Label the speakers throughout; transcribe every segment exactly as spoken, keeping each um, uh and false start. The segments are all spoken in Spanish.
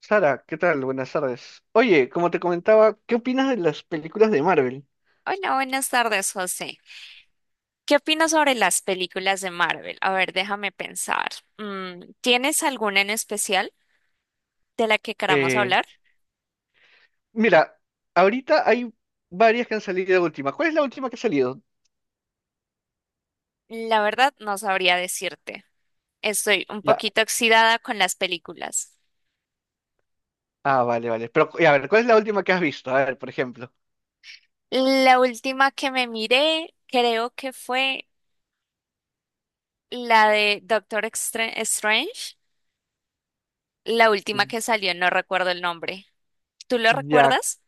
Speaker 1: Sara, ¿qué tal? Buenas tardes. Oye, como te comentaba, ¿qué opinas de las películas de Marvel?
Speaker 2: Hola, buenas tardes, José. ¿Qué opinas sobre las películas de Marvel? A ver, déjame pensar. Mm, ¿tienes alguna en especial de la que queramos
Speaker 1: Eh,
Speaker 2: hablar?
Speaker 1: mira, ahorita hay varias que han salido de última. ¿Cuál es la última que ha salido?
Speaker 2: La verdad, no sabría decirte. Estoy un
Speaker 1: Ya.
Speaker 2: poquito oxidada con las películas.
Speaker 1: Ah, vale, vale. Pero, y a ver, ¿cuál es la última que has visto? A ver, por ejemplo.
Speaker 2: La última que me miré, creo que fue la de Doctor Extra- Strange. La última que salió, no recuerdo el nombre. ¿Tú lo
Speaker 1: Ya,
Speaker 2: recuerdas?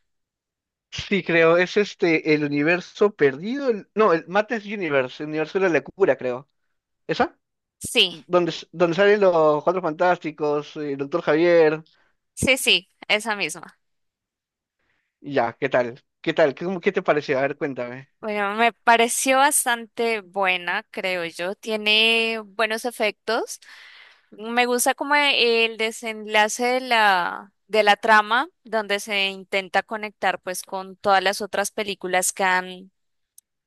Speaker 1: sí, creo. Es este, el universo perdido. El- no, el Mates Universe, el universo de la locura, creo. ¿Esa?
Speaker 2: Sí,
Speaker 1: Donde, s- donde salen los Cuatro Fantásticos, eh, el Doctor Javier.
Speaker 2: sí, sí, esa misma.
Speaker 1: Ya, ¿qué tal? ¿Qué tal? ¿Qué, cómo- qué te pareció? A ver, cuéntame.
Speaker 2: Bueno, me pareció bastante buena, creo yo. Tiene buenos efectos. Me gusta como el desenlace de la, de la trama, donde se intenta conectar pues con todas las otras películas que han,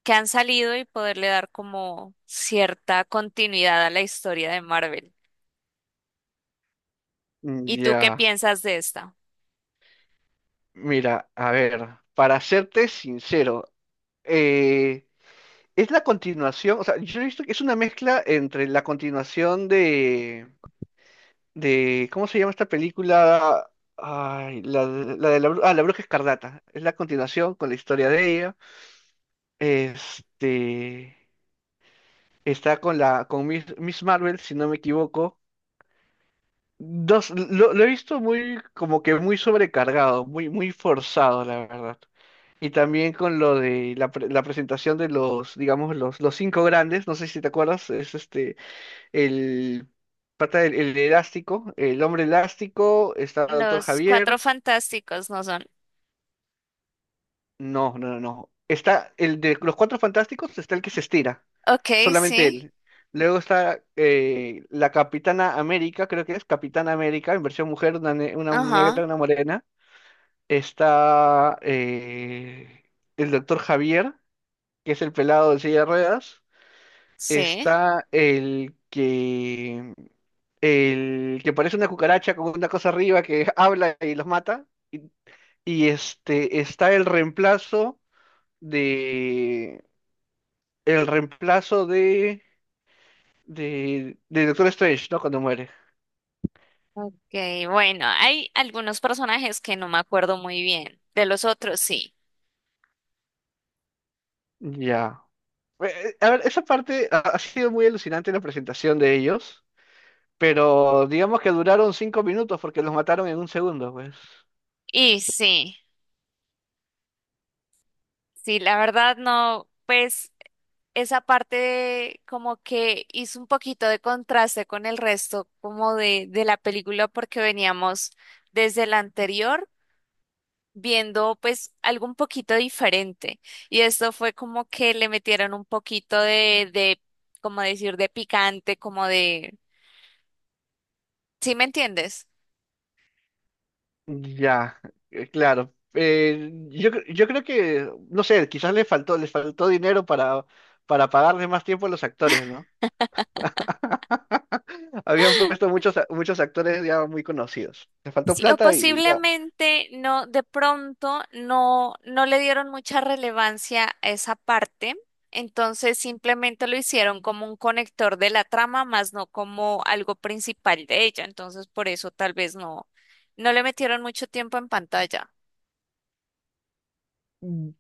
Speaker 2: que han salido y poderle dar como cierta continuidad a la historia de Marvel. ¿Y tú qué
Speaker 1: Ya.
Speaker 2: piensas de esta?
Speaker 1: Mira, a ver, para serte sincero, eh, es la continuación, o sea, yo he visto que es una mezcla entre la continuación de, de, ¿cómo se llama esta película? Ay, la, de la, de la bru- ah, La Bruja Escarlata. Es la continuación con la historia de ella. Este, está con la, con Miss, Miss Marvel, si no me equivoco. Dos, lo, lo he visto muy, como que muy sobrecargado, muy, muy forzado, la verdad. Y también con lo de la, pre- la presentación de los, digamos, los, los cinco grandes, no sé si te acuerdas, es este, el pata del el elástico, el hombre elástico, está Doctor
Speaker 2: Los Cuatro
Speaker 1: Javier,
Speaker 2: Fantásticos no son.
Speaker 1: no, no, no, no. Está el de los Cuatro Fantásticos, está el que se estira,
Speaker 2: Ok,
Speaker 1: solamente
Speaker 2: sí.
Speaker 1: él. Luego está eh, la Capitana América, creo que es Capitana América, en versión mujer, una, ne- una
Speaker 2: Ajá,
Speaker 1: negra, una morena. Está eh, el doctor Javier, que es el pelado de silla de ruedas,
Speaker 2: sí.
Speaker 1: está el que el que parece una cucaracha con una cosa arriba que habla y los mata, y este está el reemplazo de el reemplazo de de, de Doctor Strange, ¿no? Cuando muere.
Speaker 2: Ok, bueno, hay algunos personajes que no me acuerdo muy bien, de los otros sí.
Speaker 1: Ya. Eh, eh, A ver, esa parte ha ha sido muy alucinante la presentación de ellos. Pero digamos que duraron cinco minutos porque los mataron en un segundo, pues.
Speaker 2: Y sí, sí, la verdad no, pues esa parte como que hizo un poquito de contraste con el resto como de, de la película porque veníamos desde la anterior viendo pues algo un poquito diferente. Y esto fue como que le metieron un poquito de, de, como decir, de picante, como de, ¿sí me entiendes?
Speaker 1: Ya, eh, claro. Eh, yo, cre- yo creo que, no sé, quizás les faltó, les faltó dinero para, para pagarle más tiempo a los actores, ¿no? Habían puesto muchos, a- muchos actores ya muy conocidos. Les faltó
Speaker 2: Sí, o
Speaker 1: plata y ya.
Speaker 2: posiblemente no, de pronto no, no le dieron mucha relevancia a esa parte, entonces simplemente lo hicieron como un conector de la trama, más no como algo principal de ella, entonces por eso tal vez no, no le metieron mucho tiempo en pantalla.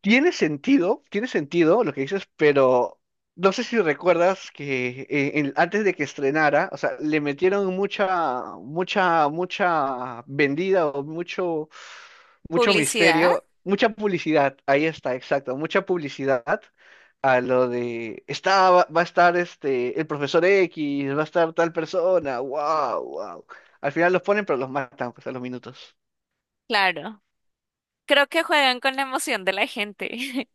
Speaker 1: Tiene sentido, tiene sentido lo que dices, pero no sé si recuerdas que eh, en- antes de que estrenara, o sea, le metieron mucha, mucha, mucha vendida o mucho, mucho
Speaker 2: ¿Publicidad?
Speaker 1: misterio, mucha publicidad, ahí está, exacto, mucha publicidad a lo de, está, va, va a estar este, el profesor X, va a estar tal persona, wow, wow. Al final los ponen, pero los matan, pues, a los minutos.
Speaker 2: Claro. Creo que juegan con la emoción de la gente.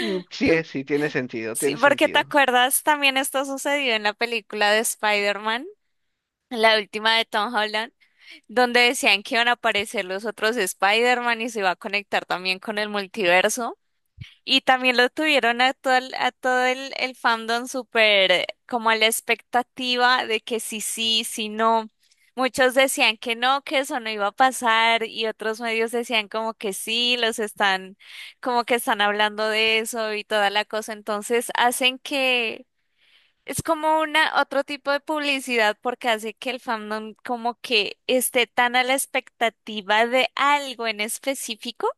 Speaker 1: Mm, Sí, es- sí, tiene sentido,
Speaker 2: Sí,
Speaker 1: tiene
Speaker 2: porque te
Speaker 1: sentido.
Speaker 2: acuerdas, también esto sucedió en la película de Spider-Man, la última de Tom Holland, donde decían que iban a aparecer los otros Spider-Man y se iba a conectar también con el multiverso. Y también lo tuvieron a todo el, a todo el, el fandom súper eh, como a la expectativa de que sí, sí, sí, no. Muchos decían que no, que eso no iba a pasar y otros medios decían como que sí, los están, como que están hablando de eso y toda la cosa. Entonces hacen que es como una otro tipo de publicidad porque hace que el fandom como que esté tan a la expectativa de algo en específico,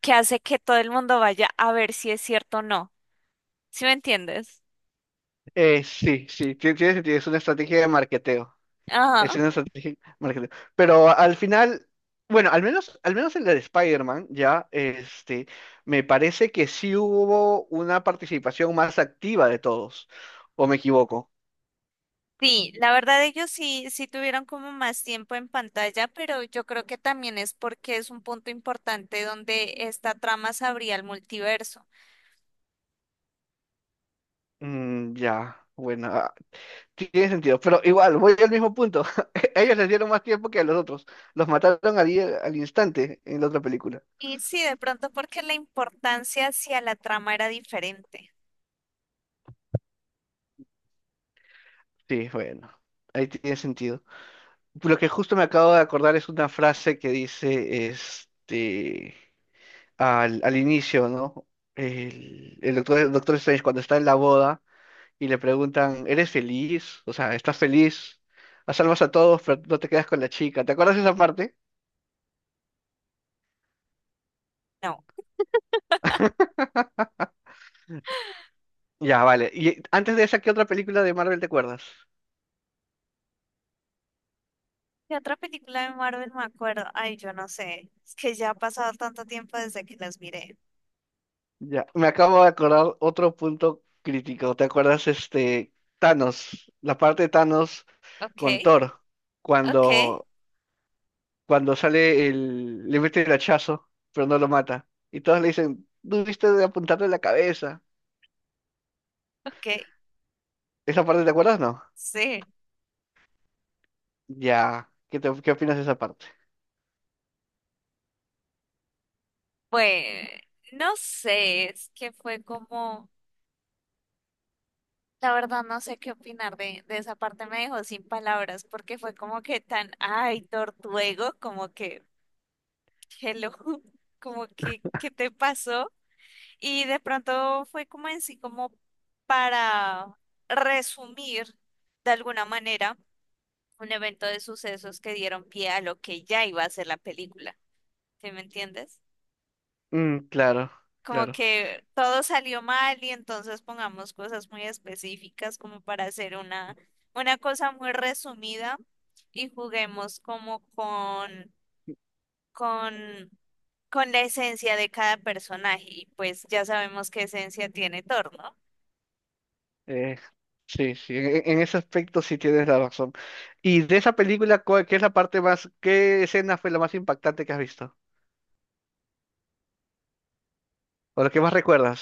Speaker 2: que hace que todo el mundo vaya a ver si es cierto o no. ¿Sí me entiendes?
Speaker 1: Eh, sí, sí, ti- tiene sentido, es una estrategia de marketeo. Es
Speaker 2: Ajá.
Speaker 1: una estrategia de marketeo. Pero al final, bueno, al menos, al menos en la de Spider-Man, ya, este, me parece que sí hubo una participación más activa de todos. ¿O me equivoco?
Speaker 2: Sí, la verdad ellos sí, sí tuvieron como más tiempo en pantalla, pero yo creo que también es porque es un punto importante donde esta trama se abría al multiverso.
Speaker 1: Mm, ya, bueno, ah, tiene sentido. Pero igual, voy al mismo punto. Ellos les dieron más tiempo que a los otros. Los mataron al, i- al instante en la otra película.
Speaker 2: Y sí, de pronto porque la importancia hacia la trama era diferente.
Speaker 1: Sí, bueno, ahí tiene sentido. Lo que justo me acabo de acordar es una frase que dice este al, al inicio, ¿no? El, el doctor, el doctor Strange cuando está en la boda y le preguntan, ¿eres feliz? O sea, ¿estás feliz? Salvas a todos, pero no te quedas con la chica. ¿Te acuerdas de esa parte?
Speaker 2: No.
Speaker 1: Ya, vale. Y antes de esa, ¿qué otra película de Marvel te acuerdas?
Speaker 2: ¿Qué otra película de Marvel me acuerdo? Ay, yo no sé. Es que ya ha pasado tanto tiempo desde que las miré.
Speaker 1: Ya, me acabo de acordar otro punto crítico. ¿Te acuerdas este Thanos? La parte de Thanos
Speaker 2: Ok,
Speaker 1: con Thor,
Speaker 2: ok,
Speaker 1: cuando cuando sale el, le mete el hachazo, pero no lo mata. Y todos le dicen, dudiste de apuntarle en la cabeza.
Speaker 2: ok.
Speaker 1: ¿Esa parte te acuerdas? No.
Speaker 2: Sí.
Speaker 1: Ya, ¿qué te- qué opinas de esa parte?
Speaker 2: Pues, no sé, es que fue como, la verdad no sé qué opinar de, de esa parte, me dejó sin palabras porque fue como que tan, ay, tortuego, como que, hello, como que, ¿qué te pasó? Y de pronto fue como en sí, como para resumir de alguna manera, un evento de sucesos que dieron pie a lo que ya iba a ser la película. ¿Sí me entiendes?
Speaker 1: Mm, claro,
Speaker 2: Como
Speaker 1: claro.
Speaker 2: que todo salió mal y entonces pongamos cosas muy específicas como para hacer una, una cosa muy resumida y juguemos como con, con, con la esencia de cada personaje, y pues ya sabemos qué esencia tiene Thor, ¿no?
Speaker 1: Eh, sí, sí, en, en ese aspecto sí tienes la razón. Y de esa película, ¿cuál- ¿qué es la parte más, qué escena fue la más impactante que has visto? ¿O la que más recuerdas?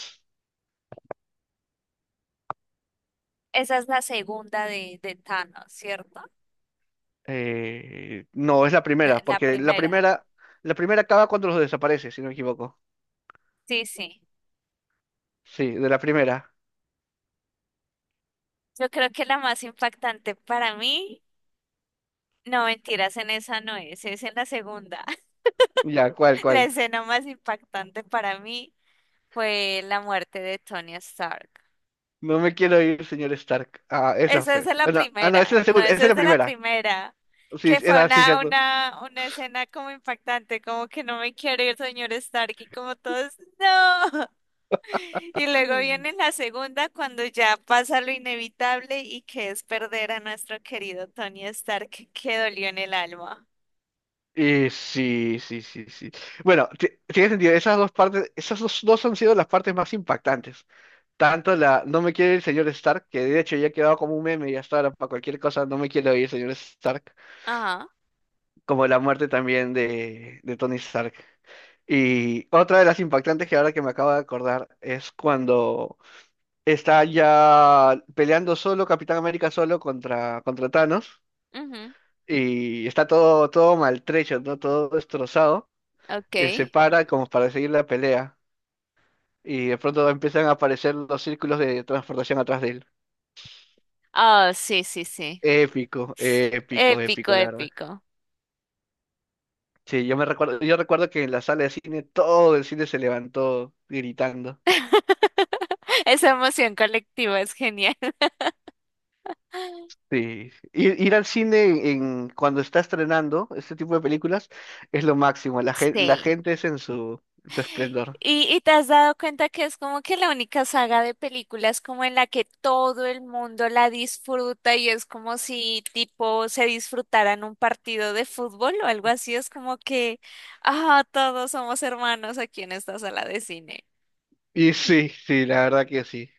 Speaker 2: Esa es la segunda de, de Thanos, ¿cierto?
Speaker 1: Eh, no, es la
Speaker 2: La
Speaker 1: primera,
Speaker 2: la
Speaker 1: porque la
Speaker 2: primera.
Speaker 1: primera, la primera acaba cuando los desaparece, si no me equivoco.
Speaker 2: Sí, sí.
Speaker 1: Sí, de la primera.
Speaker 2: Yo creo que la más impactante para mí, no, mentiras, en esa no es, es en la segunda.
Speaker 1: Ya, ¿cuál,
Speaker 2: La
Speaker 1: cuál?
Speaker 2: escena más impactante para mí fue la muerte de Tony Stark.
Speaker 1: No me quiero ir, señor Stark. Ah, esa
Speaker 2: Esa es
Speaker 1: fue.
Speaker 2: de la
Speaker 1: Ah, no, ah, no, esa es
Speaker 2: primera,
Speaker 1: la
Speaker 2: no,
Speaker 1: segunda,
Speaker 2: esa
Speaker 1: esa es
Speaker 2: es
Speaker 1: la
Speaker 2: de la
Speaker 1: primera.
Speaker 2: primera,
Speaker 1: Sí,
Speaker 2: que
Speaker 1: sí,
Speaker 2: fue
Speaker 1: era sí,
Speaker 2: una,
Speaker 1: cierto.
Speaker 2: una, una escena como impactante, como que no me quiero ir, señor Stark, y como todos, no. Y luego viene la segunda cuando ya pasa lo inevitable y que es perder a nuestro querido Tony Stark, que dolió en el alma.
Speaker 1: Y sí, sí, sí, sí. Bueno, ti- tiene sentido. Esas dos partes, esas dos, dos han sido las partes más impactantes. Tanto la No me quiero ir, señor Stark, que de hecho ya ha quedado como un meme y hasta ahora para cualquier cosa, no me quiero ir, señor Stark,
Speaker 2: Ajá,
Speaker 1: como la muerte también de, de Tony Stark. Y otra de las impactantes que ahora que me acabo de acordar es cuando está ya peleando solo, Capitán América solo contra, contra Thanos,
Speaker 2: ujú,
Speaker 1: y está todo, todo maltrecho, ¿no? Todo destrozado,
Speaker 2: ok.
Speaker 1: y se para como para seguir la pelea, y de pronto empiezan a aparecer los círculos de transportación atrás de él.
Speaker 2: Oh, sí, sí, sí.
Speaker 1: Épico, épico,
Speaker 2: Épico,
Speaker 1: épico, la verdad.
Speaker 2: épico.
Speaker 1: Sí, yo me recuerdo, yo recuerdo que en la sala de cine todo el cine se levantó gritando.
Speaker 2: Esa emoción colectiva es genial.
Speaker 1: Sí, ir, ir al cine en, en- cuando está estrenando este tipo de películas es lo máximo, la, gen- la
Speaker 2: Sí.
Speaker 1: gente es en su, su esplendor.
Speaker 2: Y, y te has dado cuenta que es como que la única saga de películas como en la que todo el mundo la disfruta y es como si tipo se disfrutaran un partido de fútbol o algo así. Es como que, ah, todos somos hermanos aquí en esta sala de cine.
Speaker 1: Y sí, sí, la verdad que sí.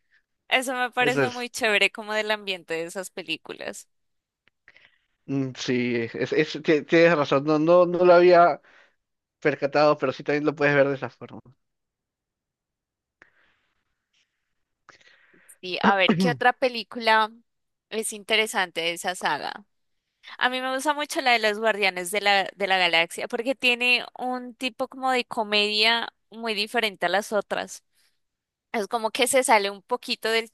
Speaker 2: Eso me
Speaker 1: Eso
Speaker 2: parece muy
Speaker 1: es.
Speaker 2: chévere como del ambiente de esas películas.
Speaker 1: Mm, Sí, es, es- ti- tienes razón, no, no, no lo había percatado, pero sí también lo puedes ver de esa forma.
Speaker 2: Sí, a ver, ¿qué otra película es interesante de esa saga? A mí me gusta mucho la de los Guardianes de la, de la Galaxia porque tiene un tipo como de comedia muy diferente a las otras. Es como que se sale un poquito del,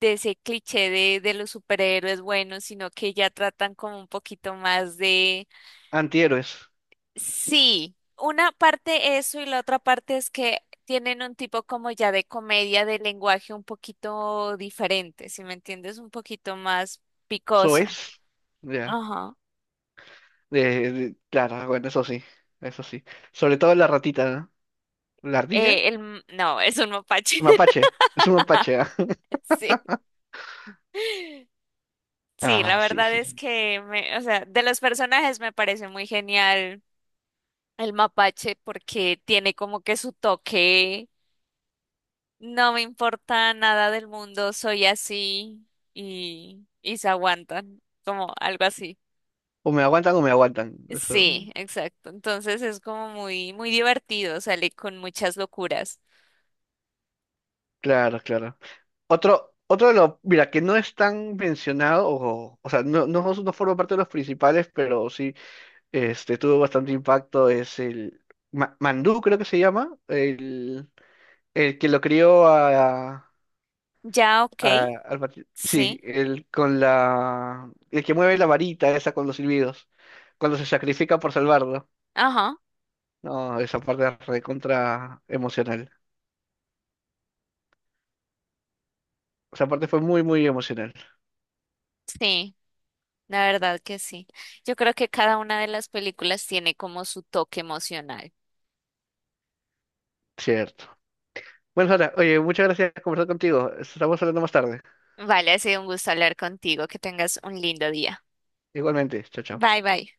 Speaker 2: de ese cliché de, de los superhéroes buenos, sino que ya tratan como un poquito más de...
Speaker 1: Antihéroes,
Speaker 2: Sí, una parte eso y la otra parte es que tienen un tipo como ya de comedia de lenguaje un poquito diferente, si me entiendes, un poquito más picoso.
Speaker 1: soes, ya.
Speaker 2: Ajá.
Speaker 1: De, de- claro, bueno, eso sí, eso sí. Sobre todo la ratita, ¿no? ¿La ardilla?
Speaker 2: Eh, el, m- no, es un mapache.
Speaker 1: Mapache, es un mapache, ¿ah?
Speaker 2: Sí, sí, la
Speaker 1: Ah, sí,
Speaker 2: verdad es
Speaker 1: sí.
Speaker 2: que, me, o sea, de los personajes me parece muy genial el mapache porque tiene como que su toque, no me importa nada del mundo, soy así y, y se aguantan, como algo así.
Speaker 1: O me aguantan o me aguantan. Eso.
Speaker 2: Sí, exacto. Entonces es como muy, muy divertido, sale con muchas locuras.
Speaker 1: Claro, claro. Otro, otro de los, mira, que no es tan mencionado, o, o sea, no, no, no forma parte de los principales, pero sí, este, tuvo bastante impacto, es el Ma- Mandú, creo que se llama, el, el que lo crió a,
Speaker 2: Ya, ok,
Speaker 1: a- al Mati- sí,
Speaker 2: sí,
Speaker 1: el con la, el que mueve la varita esa con los silbidos, cuando se sacrifica por salvarlo.
Speaker 2: ajá,
Speaker 1: No, esa parte es recontra emocional. Esa parte fue muy, muy emocional,
Speaker 2: sí, la verdad que sí. Yo creo que cada una de las películas tiene como su toque emocional.
Speaker 1: cierto. Bueno, Sara, oye, muchas gracias por conversar contigo. Estamos hablando más tarde.
Speaker 2: Vale, ha sido un gusto hablar contigo, que tengas un lindo día.
Speaker 1: Igualmente, chao, chao.
Speaker 2: Bye, bye.